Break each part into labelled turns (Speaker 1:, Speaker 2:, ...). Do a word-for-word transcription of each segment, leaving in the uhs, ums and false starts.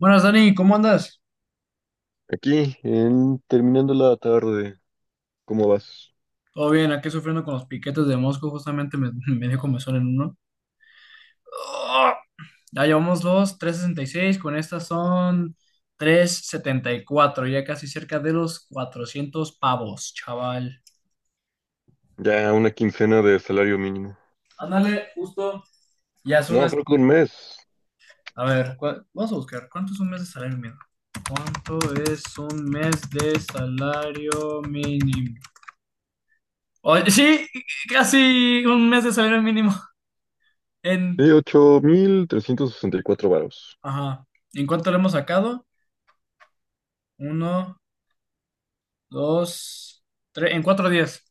Speaker 1: Buenas, Dani, ¿cómo andas?
Speaker 2: Aquí, en terminando la tarde, ¿cómo vas?
Speaker 1: Todo bien, aquí sufriendo con los piquetes de Mosco, justamente me, me dio comezón en uno. ¡Ah! Ya llevamos dos, trescientos sesenta y seis, con estas son trescientos setenta y cuatro, ya casi cerca de los cuatrocientos pavos, chaval.
Speaker 2: Ya una quincena de salario mínimo.
Speaker 1: Ándale, justo, ya son
Speaker 2: No,
Speaker 1: unas...
Speaker 2: creo que un mes.
Speaker 1: A ver, ¿cuál- vamos a buscar, ¿cuánto es un mes de salario mínimo? ¿Cuánto es un mes de salario mínimo? Oye, sí, casi un mes de salario mínimo en.
Speaker 2: Sí, ocho mil trescientos sesenta y cuatro varos.
Speaker 1: Ajá. ¿En cuánto lo hemos sacado? Uno, dos, tres, en cuatro días.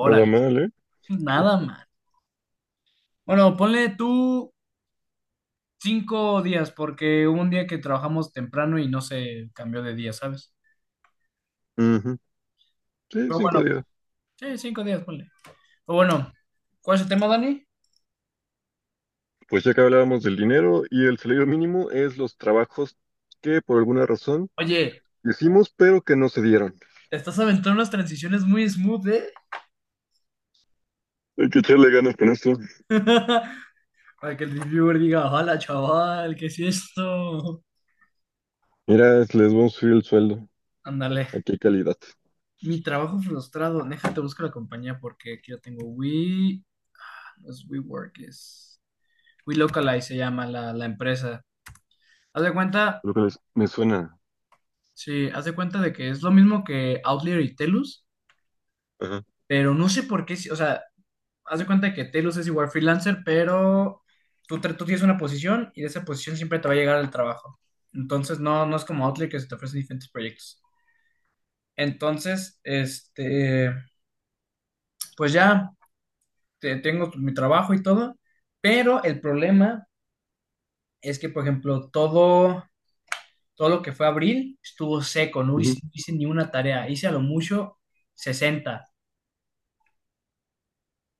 Speaker 2: Nada mal, ¿eh?
Speaker 1: nada más. Bueno, ponle tú cinco días, porque hubo un día que trabajamos temprano y no se cambió de día, ¿sabes?
Speaker 2: Ujú. Sí,
Speaker 1: Pero bueno,
Speaker 2: cinco días.
Speaker 1: sí, cinco días, ponle. Pero bueno, ¿cuál es el tema, Dani?
Speaker 2: Pues ya que hablábamos del dinero y el salario mínimo es los trabajos que por alguna razón
Speaker 1: Oye,
Speaker 2: hicimos pero que no se dieron.
Speaker 1: te estás aventando unas transiciones muy smooth, ¿eh?
Speaker 2: Hay que echarle ganas con esto.
Speaker 1: Para que el reviewer diga, hola, chaval, ¿qué es esto?
Speaker 2: Mira, les vamos a subir el sueldo.
Speaker 1: Ándale.
Speaker 2: ¿Aquí qué calidad?
Speaker 1: Mi trabajo frustrado, déjate busco la compañía porque aquí yo tengo We, no es WeWork, es WeLocalize, se llama la, la empresa. Haz de cuenta,
Speaker 2: Creo que les, me suena.
Speaker 1: sí, haz de cuenta de que es lo mismo que Outlier y Telus,
Speaker 2: Ajá.
Speaker 1: pero no sé por qué, si- o sea, haz de cuenta de que Telus es igual freelancer, pero tú, tra- tú tienes una posición y de esa posición siempre te va a llegar el trabajo. Entonces, no, no es como Outlier que se te ofrecen diferentes proyectos. Entonces, este, pues ya. te- tengo mi trabajo y todo, pero el problema es que, por ejemplo, todo, todo lo que fue abril estuvo seco, no
Speaker 2: Ujú.
Speaker 1: hice, no hice ni una tarea, hice a lo mucho sesenta.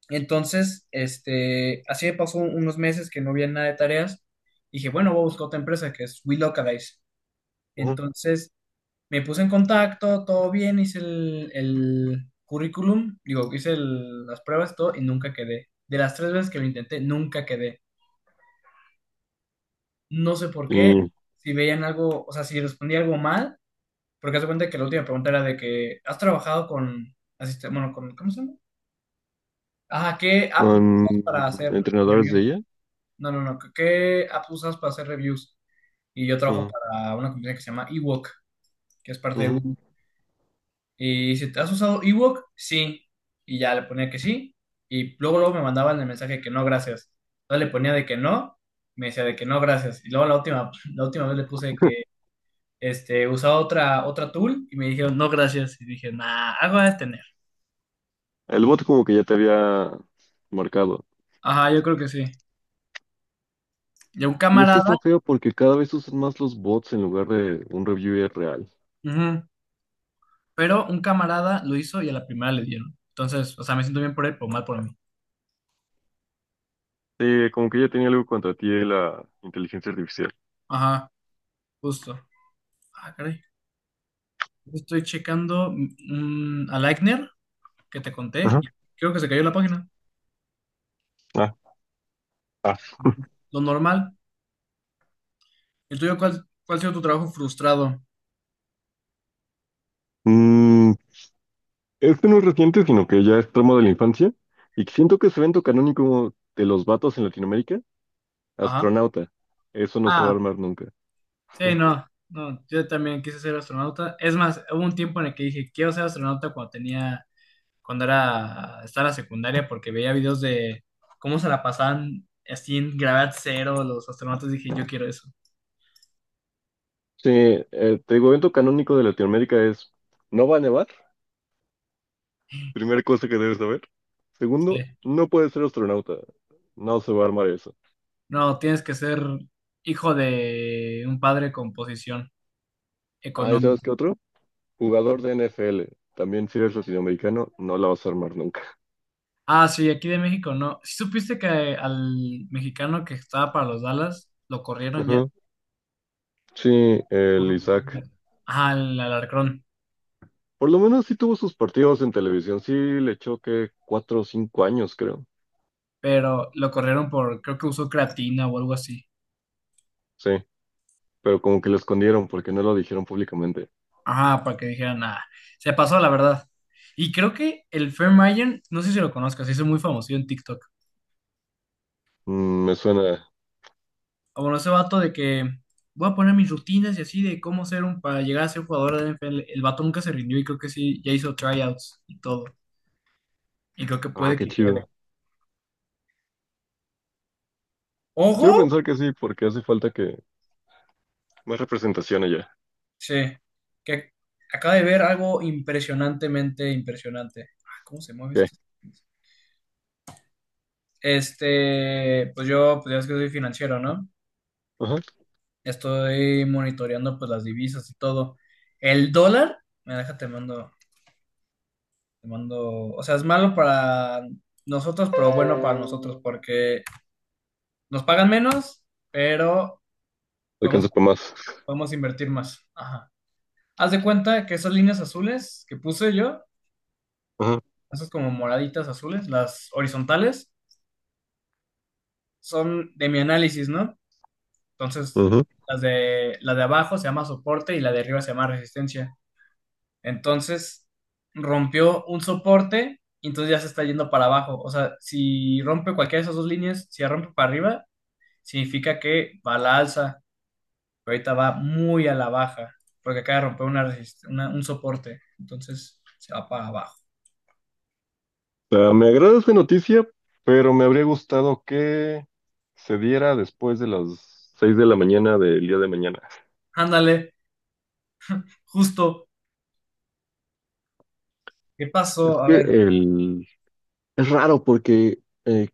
Speaker 1: Entonces, este, así me pasó unos meses que no había nada de tareas. Dije, bueno, voy a buscar otra empresa que es WeLocalize.
Speaker 2: Ujú.
Speaker 1: Entonces, me puse en contacto, todo bien, hice el, el currículum, digo, hice el- las pruebas, todo, y nunca quedé. De las tres veces que lo intenté, nunca quedé. No sé por qué,
Speaker 2: Y
Speaker 1: si veían algo, o sea, si respondía algo mal, porque haz de cuenta que la última pregunta era de que, ¿has trabajado con, asiste- bueno, con, ¿cómo se llama? Ajá, ¿qué app
Speaker 2: con
Speaker 1: usas para hacer
Speaker 2: entrenadores de
Speaker 1: reviews?
Speaker 2: I A.
Speaker 1: No, no, no, ¿qué qué app usas para hacer reviews? Y yo trabajo
Speaker 2: Ujú,
Speaker 1: para una compañía que se llama Ewok, que es parte de
Speaker 2: ujú.
Speaker 1: Google. Y si te has usado Ewok, sí. Y ya le ponía que sí. Y luego, luego me mandaban el mensaje que no, gracias. Entonces le ponía de que no, me decía de que no, gracias. Y luego la última, la última vez le puse este, usaba otra, otra tool y me dijeron, no, gracias. Y dije, nah, algo a tener.
Speaker 2: El bot como que ya te había marcado.
Speaker 1: Ajá, yo creo que sí. Y a un
Speaker 2: Y es que
Speaker 1: camarada,
Speaker 2: está feo porque cada vez usan más los bots en lugar de un reviewer real.
Speaker 1: ujú, pero un camarada lo hizo y a la primera le dieron. Entonces, o sea, me siento bien por él, pero mal por mí.
Speaker 2: Sí, como que ya tenía algo contra ti de la inteligencia artificial.
Speaker 1: Ajá, justo. Ah, caray. Estoy checando mm, a Lightner que te conté,
Speaker 2: Ajá.
Speaker 1: y creo que se cayó la página.
Speaker 2: Ah.
Speaker 1: Lo normal. ¿El tuyo cuál, cuál ha sido tu trabajo frustrado?
Speaker 2: Mm, este no es reciente, sino que ya es tramo de la infancia. Y siento que ese evento canónico de los vatos en Latinoamérica,
Speaker 1: Ajá.
Speaker 2: astronauta. Eso no se va a
Speaker 1: Ah,
Speaker 2: armar nunca.
Speaker 1: sí, no, no, yo también quise ser astronauta. Es más, hubo un tiempo en el que dije, quiero ser astronauta cuando tenía. Cuando era, estaba en la secundaria porque veía videos de cómo se la pasaban así en gravedad cero los astronautas. Dije, yo quiero eso.
Speaker 2: Sí, eh, te digo, evento canónico de Latinoamérica es, ¿no va a nevar? Primera cosa que debes saber. Segundo,
Speaker 1: Sí.
Speaker 2: no puedes ser astronauta. No se va a armar eso.
Speaker 1: No, tienes que ser hijo de un padre con posición
Speaker 2: Ah, ¿y sabes
Speaker 1: económica.
Speaker 2: qué otro? Jugador de N F L. También si eres latinoamericano, no la vas a armar nunca.
Speaker 1: Ah, sí, aquí de México, ¿no? ¿Sí supiste que al mexicano que estaba para los Dallas lo corrieron ya?
Speaker 2: Ajá. Sí, el Isaac.
Speaker 1: Ajá, al Alarcón.
Speaker 2: Por lo menos sí tuvo sus partidos en televisión. Sí le echó que cuatro o cinco años, creo.
Speaker 1: Pero lo corrieron por, creo que usó creatina o algo así.
Speaker 2: Sí, pero como que lo escondieron porque no lo dijeron públicamente.
Speaker 1: Ah, para que dijeran, nada, se pasó la verdad. Y creo que el Fermayer, no sé si lo conozcas, se hizo muy famoso en TikTok.
Speaker 2: Mm, me suena.
Speaker 1: Ah, bueno, ese vato de que voy a poner mis rutinas y así de cómo ser un, para llegar a ser un jugador de N F L. El vato nunca se rindió y creo que sí, ya hizo tryouts y todo. Y creo que
Speaker 2: Ah,
Speaker 1: puede
Speaker 2: qué
Speaker 1: que quede.
Speaker 2: chido. Quiero
Speaker 1: ¡Ojo!
Speaker 2: pensar que sí, porque hace falta que más representación allá.
Speaker 1: Sí, que acaba de ver algo impresionantemente impresionante. Ah, ¿cómo se mueve
Speaker 2: ¿Qué?
Speaker 1: esto? Este, pues yo, pues ya es que soy financiero, ¿no?
Speaker 2: Ajá.
Speaker 1: Estoy monitoreando pues las divisas y todo. El dólar, me deja te mando, te mando, o sea, es malo para nosotros, pero bueno para nosotros porque nos pagan menos, pero podemos,
Speaker 2: Alcanza para más.
Speaker 1: podemos invertir más. Ajá. Haz de cuenta que esas líneas azules que puse yo,
Speaker 2: Ajá.
Speaker 1: esas como moraditas azules, las horizontales, son de mi análisis, ¿no? Entonces,
Speaker 2: Ujú.
Speaker 1: las de, la de abajo se llama soporte y la de arriba se llama resistencia. Entonces rompió un soporte y entonces ya se está yendo para abajo. O sea, si rompe cualquiera de esas dos líneas, si la rompe para arriba, significa que va a la alza, pero ahorita va muy a la baja, porque acaba de romper una resist- una- un soporte, entonces se va para abajo.
Speaker 2: Sea, me agrada esta noticia, pero me habría gustado que se diera después de las seis de la mañana del día de mañana.
Speaker 1: Ándale, justo, ¿qué
Speaker 2: Es
Speaker 1: pasó? A
Speaker 2: que
Speaker 1: ver,
Speaker 2: el... es raro porque eh,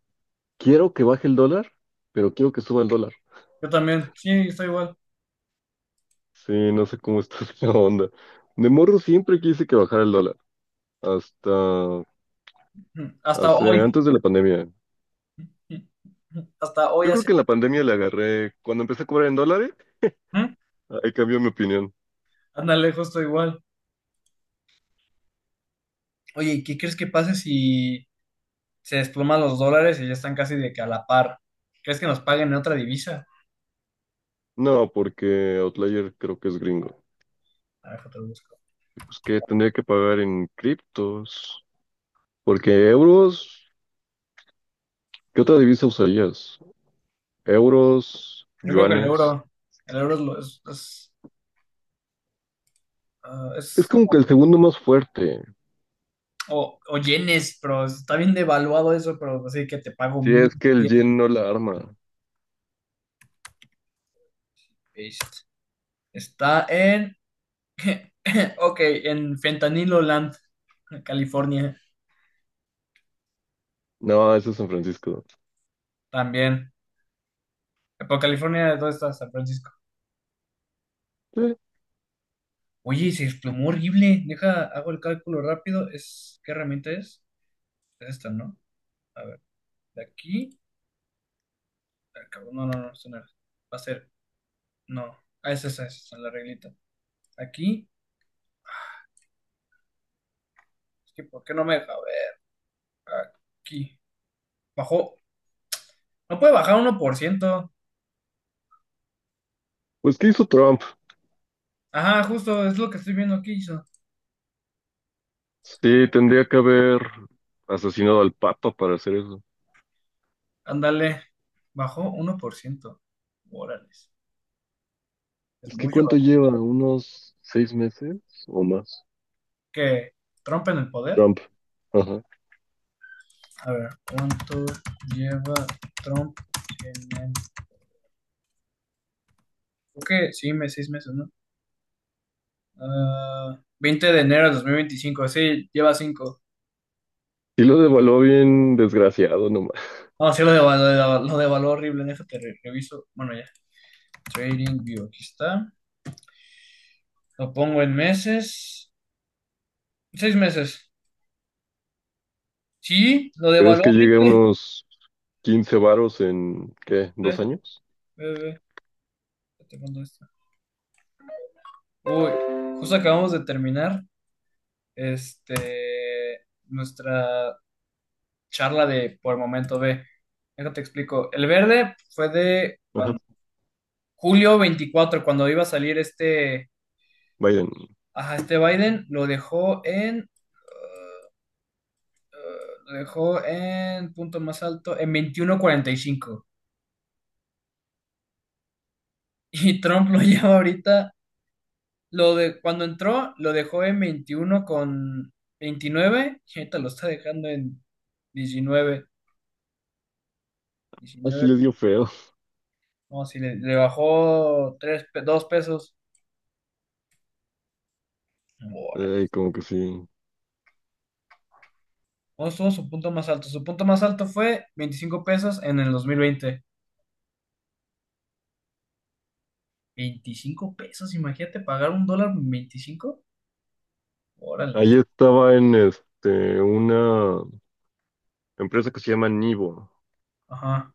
Speaker 2: quiero que baje el dólar, pero quiero que suba el dólar.
Speaker 1: yo también, sí, estoy igual.
Speaker 2: Sí, no sé cómo está la onda. De morro siempre quise que bajara el dólar, hasta
Speaker 1: Hasta
Speaker 2: hace...
Speaker 1: hoy,
Speaker 2: antes de la pandemia.
Speaker 1: hasta hoy
Speaker 2: Yo creo
Speaker 1: hace,
Speaker 2: que en la pandemia le agarré, cuando empecé a cobrar en dólares,
Speaker 1: ¿eh?
Speaker 2: ahí cambió mi opinión.
Speaker 1: Ándale, justo igual. Oye, ¿y qué crees que pase si se desploman los dólares y ya están casi de que a la par? ¿Crees que nos paguen en otra divisa?
Speaker 2: No, porque Outlier creo que es gringo.
Speaker 1: A ver, te lo busco.
Speaker 2: Pues que tendría que pagar en criptos, porque euros, ¿qué otra divisa usarías? Euros,
Speaker 1: Yo creo que el
Speaker 2: yuanes.
Speaker 1: euro, el euro es, lo- es, es, ah, es
Speaker 2: Es como que
Speaker 1: como,
Speaker 2: el segundo más fuerte.
Speaker 1: o, o yenes, pero está bien devaluado eso, pero así que te pago
Speaker 2: Si
Speaker 1: mil
Speaker 2: es que el
Speaker 1: yenes.
Speaker 2: yen no la arma.
Speaker 1: Paste. Está en, ok, en Fentanilo Land, California,
Speaker 2: No, eso es San Francisco.
Speaker 1: también. Pero California, ¿dónde está? San Francisco.
Speaker 2: Eh,
Speaker 1: Oye, se desplomó horrible. Deja, hago el cálculo rápido. Es, ¿qué herramienta es? Es esta, ¿no? A ver, de aquí. Ah, cabrón. No, no, no, esto no era. Va a ser. No. Ah, esa, esa, esa, esa, la reglita. Aquí. Es que, ¿por qué no me deja ver? Aquí. Bajó. No puede bajar uno por ciento.
Speaker 2: pues ¿qué hizo Trump?
Speaker 1: Ajá, justo, es lo que estoy viendo aquí. Hizo.
Speaker 2: Sí, tendría que haber asesinado al Papa para hacer eso.
Speaker 1: Ándale. Bajó uno por ciento. Órales. Es
Speaker 2: Es que
Speaker 1: mucho.
Speaker 2: ¿cuánto lleva? ¿Unos seis meses o más?
Speaker 1: ¿Que Trump en el poder?
Speaker 2: Trump. Ajá.
Speaker 1: A ver, ¿cuánto lleva Trump en el...? Creo que sí, me- seis meses, ¿no? Ah, veinte de enero de dos mil veinticinco. Sí, lleva cinco.
Speaker 2: Sí lo devaluó bien desgraciado nomás.
Speaker 1: No, sí, lo devaluó, lo devaluó, lo horrible en eso que re- reviso. Bueno, ya. Trading View, aquí está. Lo pongo en meses. Seis meses. Sí, lo
Speaker 2: Pero es
Speaker 1: devaluó
Speaker 2: que llegue a
Speaker 1: horrible.
Speaker 2: unos quince varos en, ¿qué? ¿Dos
Speaker 1: Ve,
Speaker 2: años?
Speaker 1: ve, ve. Ya te mando esto. Uy, justo acabamos de terminar este, nuestra charla de por momento B. Déjate te explico. El verde fue de
Speaker 2: Ajá,
Speaker 1: cuando, julio veinticuatro, cuando iba a salir este,
Speaker 2: Biden.
Speaker 1: ajá, este Biden, lo dejó en. Lo dejó en punto más alto, en veintiuno cuarenta y cinco. Y cinco. Y Trump lo lleva ahorita, lo de, cuando entró, lo dejó en veintiuno con veintinueve y ahorita lo está dejando en diecinueve.
Speaker 2: Así
Speaker 1: diecinueve,
Speaker 2: les dio feo.
Speaker 1: no, si le, le bajó tres, dos pesos. Órale.
Speaker 2: Ay, como que sí.
Speaker 1: ¿Cómo estuvo su punto más alto? Su punto más alto fue veinticinco pesos en el dos mil veinte. veinticinco pesos, imagínate pagar un dólar veinticinco. Órale.
Speaker 2: Ahí estaba en este, una empresa que se llama Nivo,
Speaker 1: Ajá.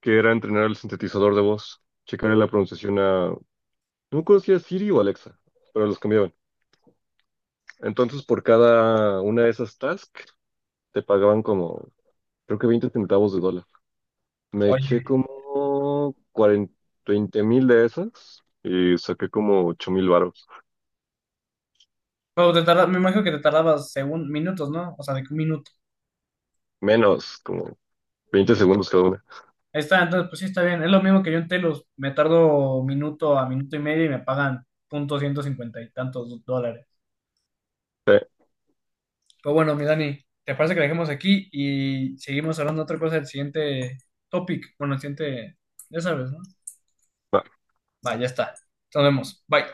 Speaker 2: que era entrenar el sintetizador de voz, checarle la pronunciación a, no conocía Siri o Alexa, pero los cambiaban. Entonces, por cada una de esas tasks, te pagaban como, creo que veinte centavos de dólar. Me eché
Speaker 1: Oye.
Speaker 2: como cuarenta veinte mil de esas y saqué como ocho mil varos.
Speaker 1: Pero te tarda- me imagino que te tardabas según minutos, ¿no? O sea, de que un minuto.
Speaker 2: Menos, como veinte segundos cada una.
Speaker 1: Ahí está, entonces pues sí está bien. Es lo mismo que yo en Telos. Me tardo minuto a minuto y medio y me pagan punto ciento cincuenta y tantos dólares.
Speaker 2: Eh,
Speaker 1: Pero bueno, mi Dani, ¿te parece que la dejemos aquí y seguimos hablando de otra cosa del siguiente topic? Bueno, el siguiente, ya sabes, ¿no?
Speaker 2: no,
Speaker 1: Va, ya está. Nos vemos. Bye.